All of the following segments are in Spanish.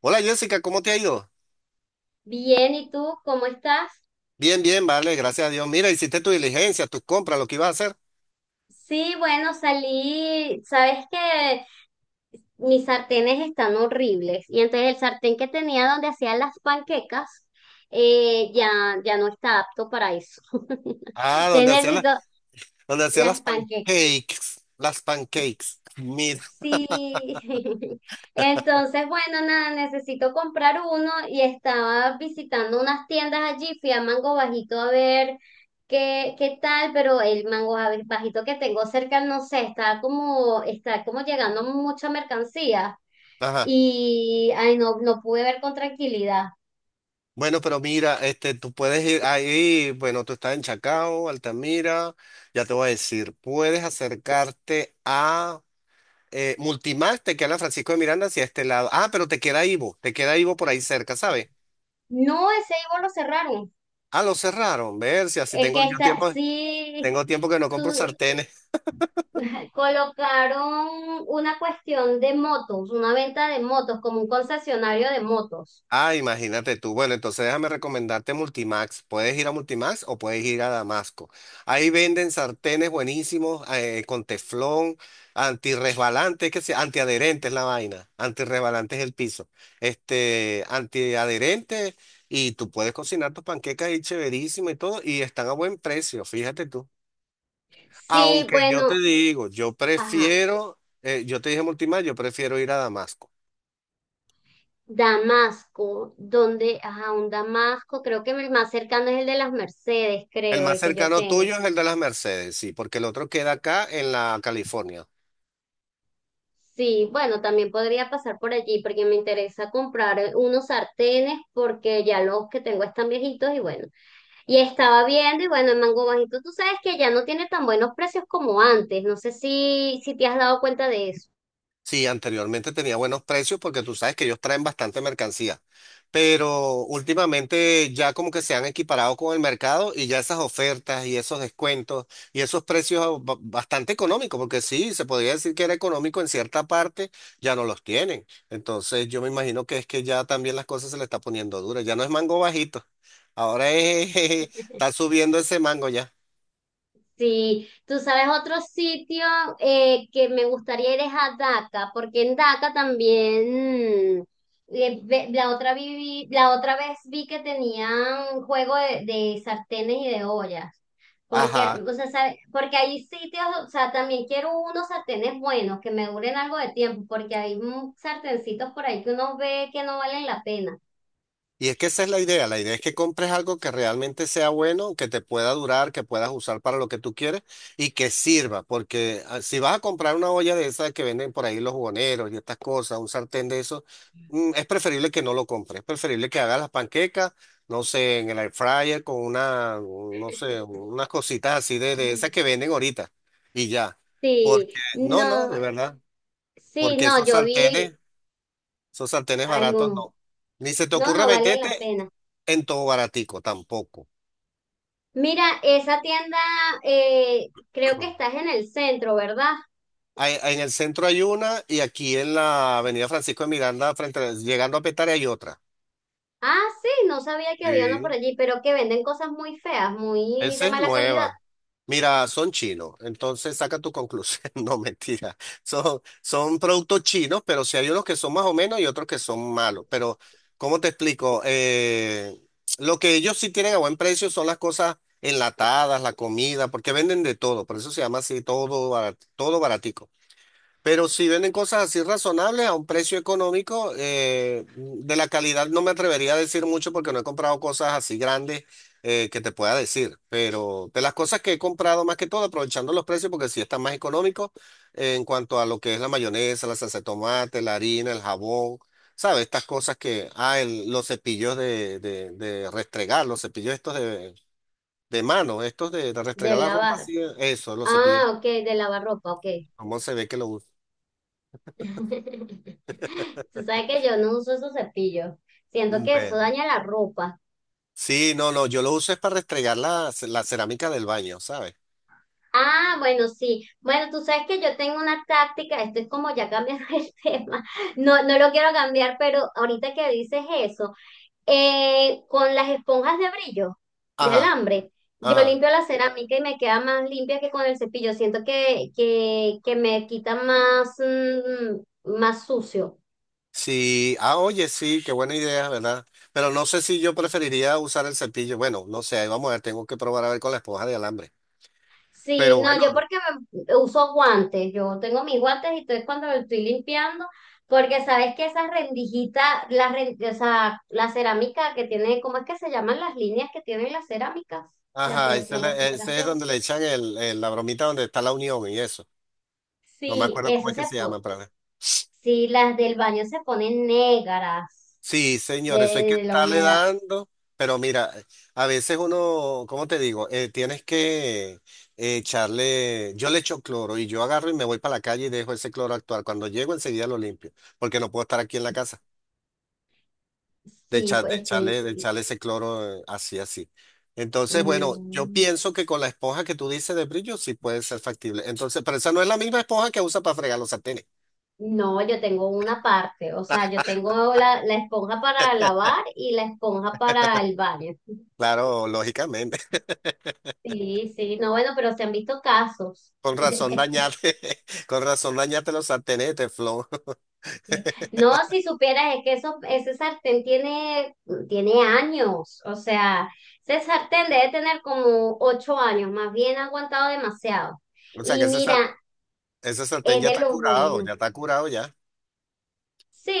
Hola Jessica, ¿cómo te ha ido? Bien, ¿y tú cómo estás? Bien, bien, vale, gracias a Dios. Mira, hiciste tu diligencia, tus compras, lo que ibas a hacer. Sí, bueno, salí, sabes que mis sartenes están horribles y entonces el sartén que tenía donde hacía las panquecas eh, ya, ya no está apto para eso. Ah, Entonces donde hacía necesito donde hacía las las panquecas. pancakes, las pancakes. Mira, Sí, entonces bueno, nada, necesito comprar uno y estaba visitando unas tiendas allí, fui a Mango Bajito a ver qué tal, pero el Mango Bajito que tengo cerca, no sé, está como llegando mucha mercancía ajá. y ay, no pude ver con tranquilidad. Bueno, pero mira, este, tú puedes ir ahí, bueno, tú estás en Chacao, Altamira, ya te voy a decir, puedes acercarte a Multimax, te queda en Francisco de Miranda hacia este lado. Ah, pero te queda Ivo por ahí cerca, ¿sabes? No, ese Ivo lo cerraron. Ah, lo cerraron, ver si así El que tengo yo está, tiempo, sí, tengo tiempo que no compro sartenes. colocaron una cuestión de motos, una venta de motos, como un concesionario de motos. Ah, imagínate tú. Bueno, entonces déjame recomendarte Multimax. Puedes ir a Multimax o puedes ir a Damasco. Ahí venden sartenes buenísimos, con teflón, antirresbalante, que sea, antiadherente es la vaina. Antirresbalante es el piso. Este, antiadherente, y tú puedes cocinar tus panquecas ahí chéverísimo y todo y están a buen precio, fíjate tú. Sí, Aunque yo te bueno, digo, yo ajá, prefiero, yo te dije Multimax, yo prefiero ir a Damasco. Damasco, ajá, un Damasco, creo que el más cercano es el de las Mercedes, El creo, más el que yo cercano tengo. tuyo es el de las Mercedes, sí, porque el otro queda acá en la California. Sí, bueno, también podría pasar por allí porque me interesa comprar unos sartenes porque ya los que tengo están viejitos y bueno. Y estaba viendo y bueno, en Mango Bajito tú sabes que ya no tiene tan buenos precios como antes. No sé si te has dado cuenta de eso. Sí, anteriormente tenía buenos precios porque tú sabes que ellos traen bastante mercancía, pero últimamente ya como que se han equiparado con el mercado, y ya esas ofertas y esos descuentos y esos precios bastante económicos, porque sí, se podría decir que era económico en cierta parte, ya no los tienen. Entonces yo me imagino que es que ya también las cosas se le está poniendo duras, ya no es mango bajito, ahora es, está subiendo ese mango ya. Sí, tú sabes otro sitio que me gustaría ir es a Daca, porque en Daca también la otra la otra vez vi que tenían juego de sartenes y de ollas. Porque, Ajá, o sea, porque hay sitios, o sea, también quiero unos sartenes buenos que me duren algo de tiempo, porque hay sartencitos por ahí que uno ve que no valen la pena. y es que esa es la idea es que compres algo que realmente sea bueno, que te pueda durar, que puedas usar para lo que tú quieres y que sirva, porque ah, si vas a comprar una olla de esas que venden por ahí los jugoneros y estas cosas, un sartén de eso, es preferible que no lo compres, es preferible que hagas las panquecas, no sé, en el air fryer con una, no sé, unas cositas así de esas que venden ahorita y ya, porque Sí, no, no, no, de verdad, sí, porque no, yo vi, esos sartenes hay baratos un no. Ni se te no, ocurra no vale la meterte pena. en todo baratico, tampoco. Mira, esa tienda, creo que estás en el centro, ¿verdad? En el centro hay una, y aquí en la Avenida Francisco de Miranda, frente, llegando a Petare hay otra. Ah, sí, no sabía que había una por Sí. allí, pero que venden cosas muy feas, muy Esa de es mala calidad, nueva. Mira, son chinos, entonces saca tu conclusión. No, mentira. Son productos chinos, pero sí hay unos que son más o menos y otros que son malos. Pero, ¿cómo te explico? Lo que ellos sí tienen a buen precio son las cosas enlatadas, la comida, porque venden de todo. Por eso se llama así, todo, todo baratico. Pero si venden cosas así razonables a un precio económico. De la calidad no me atrevería a decir mucho porque no he comprado cosas así grandes, que te pueda decir. Pero de las cosas que he comprado más que todo, aprovechando los precios porque sí están más económicos, en cuanto a lo que es la mayonesa, la salsa de tomate, la harina, el jabón, ¿sabes? Estas cosas que, ah, los cepillos de restregar, los cepillos estos de mano, estos de de restregar la ropa lavar. así, eso, los cepillos, Ah, ok, de lavar ropa, ok. cómo se ve que lo usan. Tú sabes que yo no uso esos cepillos. Siento que eso Bueno, daña la ropa. sí, no, no, yo lo uso es para restregar la, la cerámica del baño, ¿sabes? Ah, bueno, sí. Bueno, tú sabes que yo tengo una táctica, esto es como ya cambiando el tema. No, no lo quiero cambiar, pero ahorita que dices eso. Con las esponjas de brillo, de Ajá, alambre, yo ajá. limpio la cerámica y me queda más limpia que con el cepillo. Siento que me quita más, más sucio. Sí, ah, oye, sí, qué buena idea, ¿verdad? Pero no sé si yo preferiría usar el cepillo. Bueno, no sé, ahí vamos a ver, tengo que probar a ver con la esponja de alambre. Sí, Pero no, bueno, yo porque uso guantes, yo tengo mis guantes y entonces cuando lo estoy limpiando, porque sabes que esas rendijitas, o sea, la cerámica que tiene, ¿cómo es que se llaman las líneas que tienen las cerámicas? Ajá, ese es, La ese es separación. donde le echan el, la bromita donde está la unión y eso. No me Sí, acuerdo cómo eso es se, que se llama, pero. sí, las del baño se ponen negras Sí, de, señor, eso hay que de la estarle humedad. dando, pero mira, a veces uno, ¿cómo te digo? Tienes que echarle, yo le echo cloro y yo agarro y me voy para la calle y dejo ese cloro actuar. Cuando llego enseguida lo limpio, porque no puedo estar aquí en la casa de, Sí, echar- de pues es que echarle, de echarle ese cloro, así, así. Entonces, bueno, yo mm, pienso que con la esponja que tú dices de brillo sí puede ser factible. Entonces, pero esa no es la misma esponja que usa para fregar los sartenes. no, yo tengo una parte, o sea, yo tengo la esponja para lavar y la esponja para el baño. Claro, lógicamente. Sí, sí, no, bueno, pero se han visto casos. Con razón dañate, con razón dañate los sartenetes, Flo. Sí. No, si supieras, es que eso, ese sartén tiene, tiene años, o sea, ese sartén debe tener como 8 años, más bien ha aguantado demasiado. O sea Y que ese, mira, ese sartén es ya de está los curado, buenos. ya está curado ya.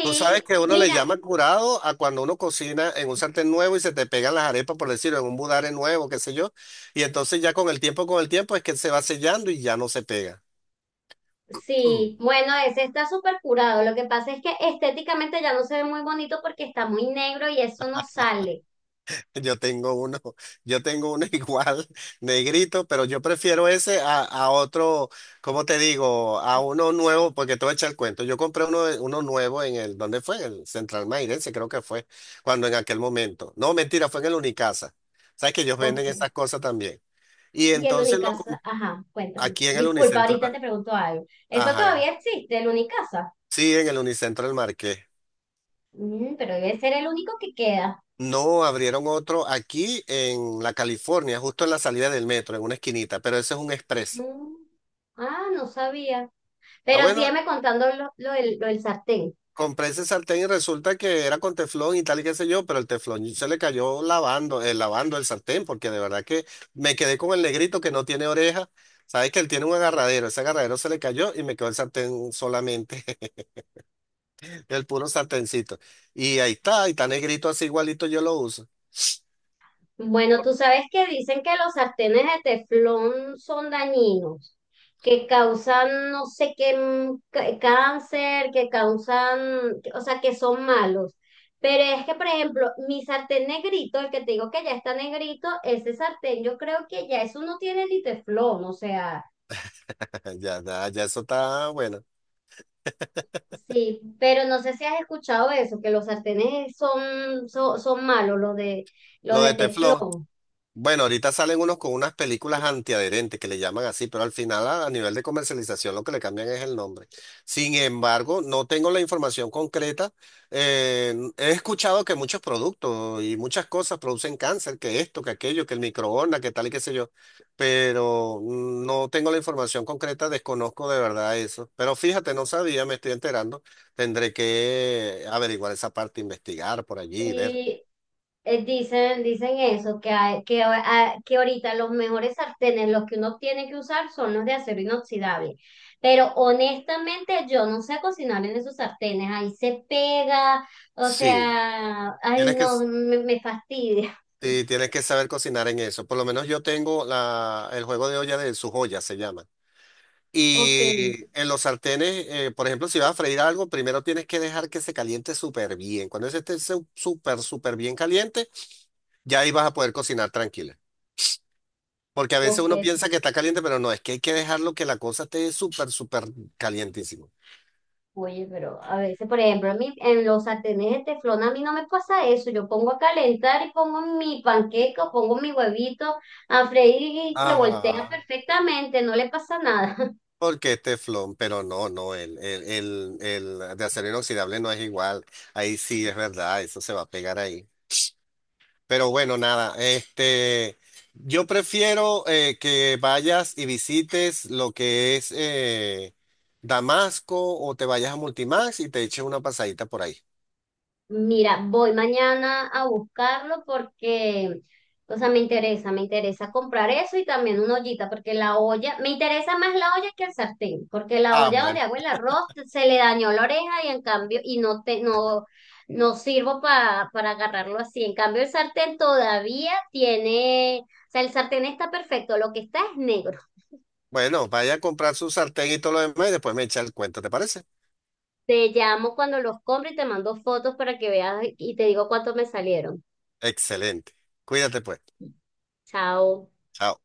Tú sabes que uno le mira, llama curado a cuando uno cocina en un sartén nuevo y se te pegan las arepas, por decirlo, en un budare nuevo, qué sé yo. Y entonces ya con el tiempo es que se va sellando y ya no se pega. sí, bueno, ese está súper curado. Lo que pasa es que estéticamente ya no se ve muy bonito porque está muy negro y eso no sale. Yo tengo uno, yo tengo uno igual, negrito, pero yo prefiero ese a otro, ¿cómo te digo? A uno nuevo, porque te voy a echar el cuento. Yo compré uno, uno nuevo en el, ¿dónde fue? En el Central Mairense, creo que fue, cuando en aquel momento. No, mentira, fue en el Unicasa. Sabes que ellos venden Ok. esas cosas también. Y Y el entonces Unicasa, ajá, cuéntame. aquí en el Disculpa, Unicentro, ahorita te pregunto algo. ¿Eso ajá, todavía existe, el Unicasa? sí, en el Unicentro del Marqués. Mm, pero debe ser el único que queda. No, abrieron otro aquí en la California, justo en la salida del metro, en una esquinita, pero ese es un express. Mm, ah, no sabía. Ah, Pero bueno, sígueme contando lo del sartén. compré ese sartén y resulta que era con teflón y tal y qué sé yo, pero el teflón se le cayó lavando, lavando el sartén, porque de verdad que me quedé con el negrito que no tiene oreja. Sabes que él tiene un agarradero, ese agarradero se le cayó y me quedó el sartén solamente, el puro sartencito. Y ahí está, y está negrito así igualito yo lo uso. Bueno, tú sabes que dicen que los sartenes de teflón son dañinos, que causan no sé qué cáncer, que causan, o sea, que son malos. Pero es que, por ejemplo, mi sartén negrito, el que te digo que ya está negrito, ese sartén yo creo que ya eso no tiene ni teflón, o sea, Ya, ya, ya eso está bueno. sí, pero no sé si has escuchado eso, que los sartenes son malos, los Lo de de teflón. teflón. Bueno, ahorita salen unos con unas películas antiadherentes que le llaman así, pero al final a nivel de comercialización lo que le cambian es el nombre. Sin embargo, no tengo la información concreta. He escuchado que muchos productos y muchas cosas producen cáncer, que esto, que aquello, que el microondas, que tal y qué sé yo, pero no tengo la información concreta, desconozco de verdad eso. Pero fíjate, no sabía, me estoy enterando. Tendré que averiguar esa parte, investigar por allí y ver. Y dicen eso, que, hay- que, a- que ahorita los mejores sartenes, los que uno tiene que usar, son los de acero inoxidable. Pero honestamente, yo no sé cocinar en esos sartenes. Ahí se pega, o Sí, sea, ay, tienes que... no, me fastidia. Sí, tienes que saber cocinar en eso. Por lo menos yo tengo la, el juego de olla de su joya, se llama. Ok, Y en los sartenes, por ejemplo, si vas a freír algo, primero tienes que dejar que se caliente súper bien. Cuando ese esté súper, súper bien caliente, ya ahí vas a poder cocinar tranquila. Porque a veces ok, uno piensa que está caliente, pero no, es que hay que dejarlo que la cosa esté súper, súper calientísimo. oye, pero a veces, por ejemplo, en los sartenes de teflón a mí no me pasa eso. Yo pongo a calentar y pongo mi panqueca, pongo mi huevito a freír y se voltea Ajá. perfectamente, no le pasa nada. Porque es teflón, pero no, no, el de acero inoxidable no es igual. Ahí sí es verdad, eso se va a pegar ahí. Pero bueno, nada, este, yo prefiero, que vayas y visites lo que es, Damasco, o te vayas a Multimax y te eches una pasadita por ahí. Mira, voy mañana a buscarlo porque, o sea, me interesa comprar eso y también una ollita, porque la olla, me interesa más la olla que el sartén, porque la Ah, olla donde bueno. hago el arroz se le dañó la oreja y en cambio, y no te, no, no sirvo para agarrarlo así. En cambio, el sartén todavía tiene, o sea, el sartén está perfecto, lo que está es negro. Bueno, vaya a comprar su sartén y todo lo demás y después me echa el cuento, ¿te parece? Te llamo cuando los compre y te mando fotos para que veas y te digo cuánto me salieron. Excelente. Cuídate pues. Chao. Chao.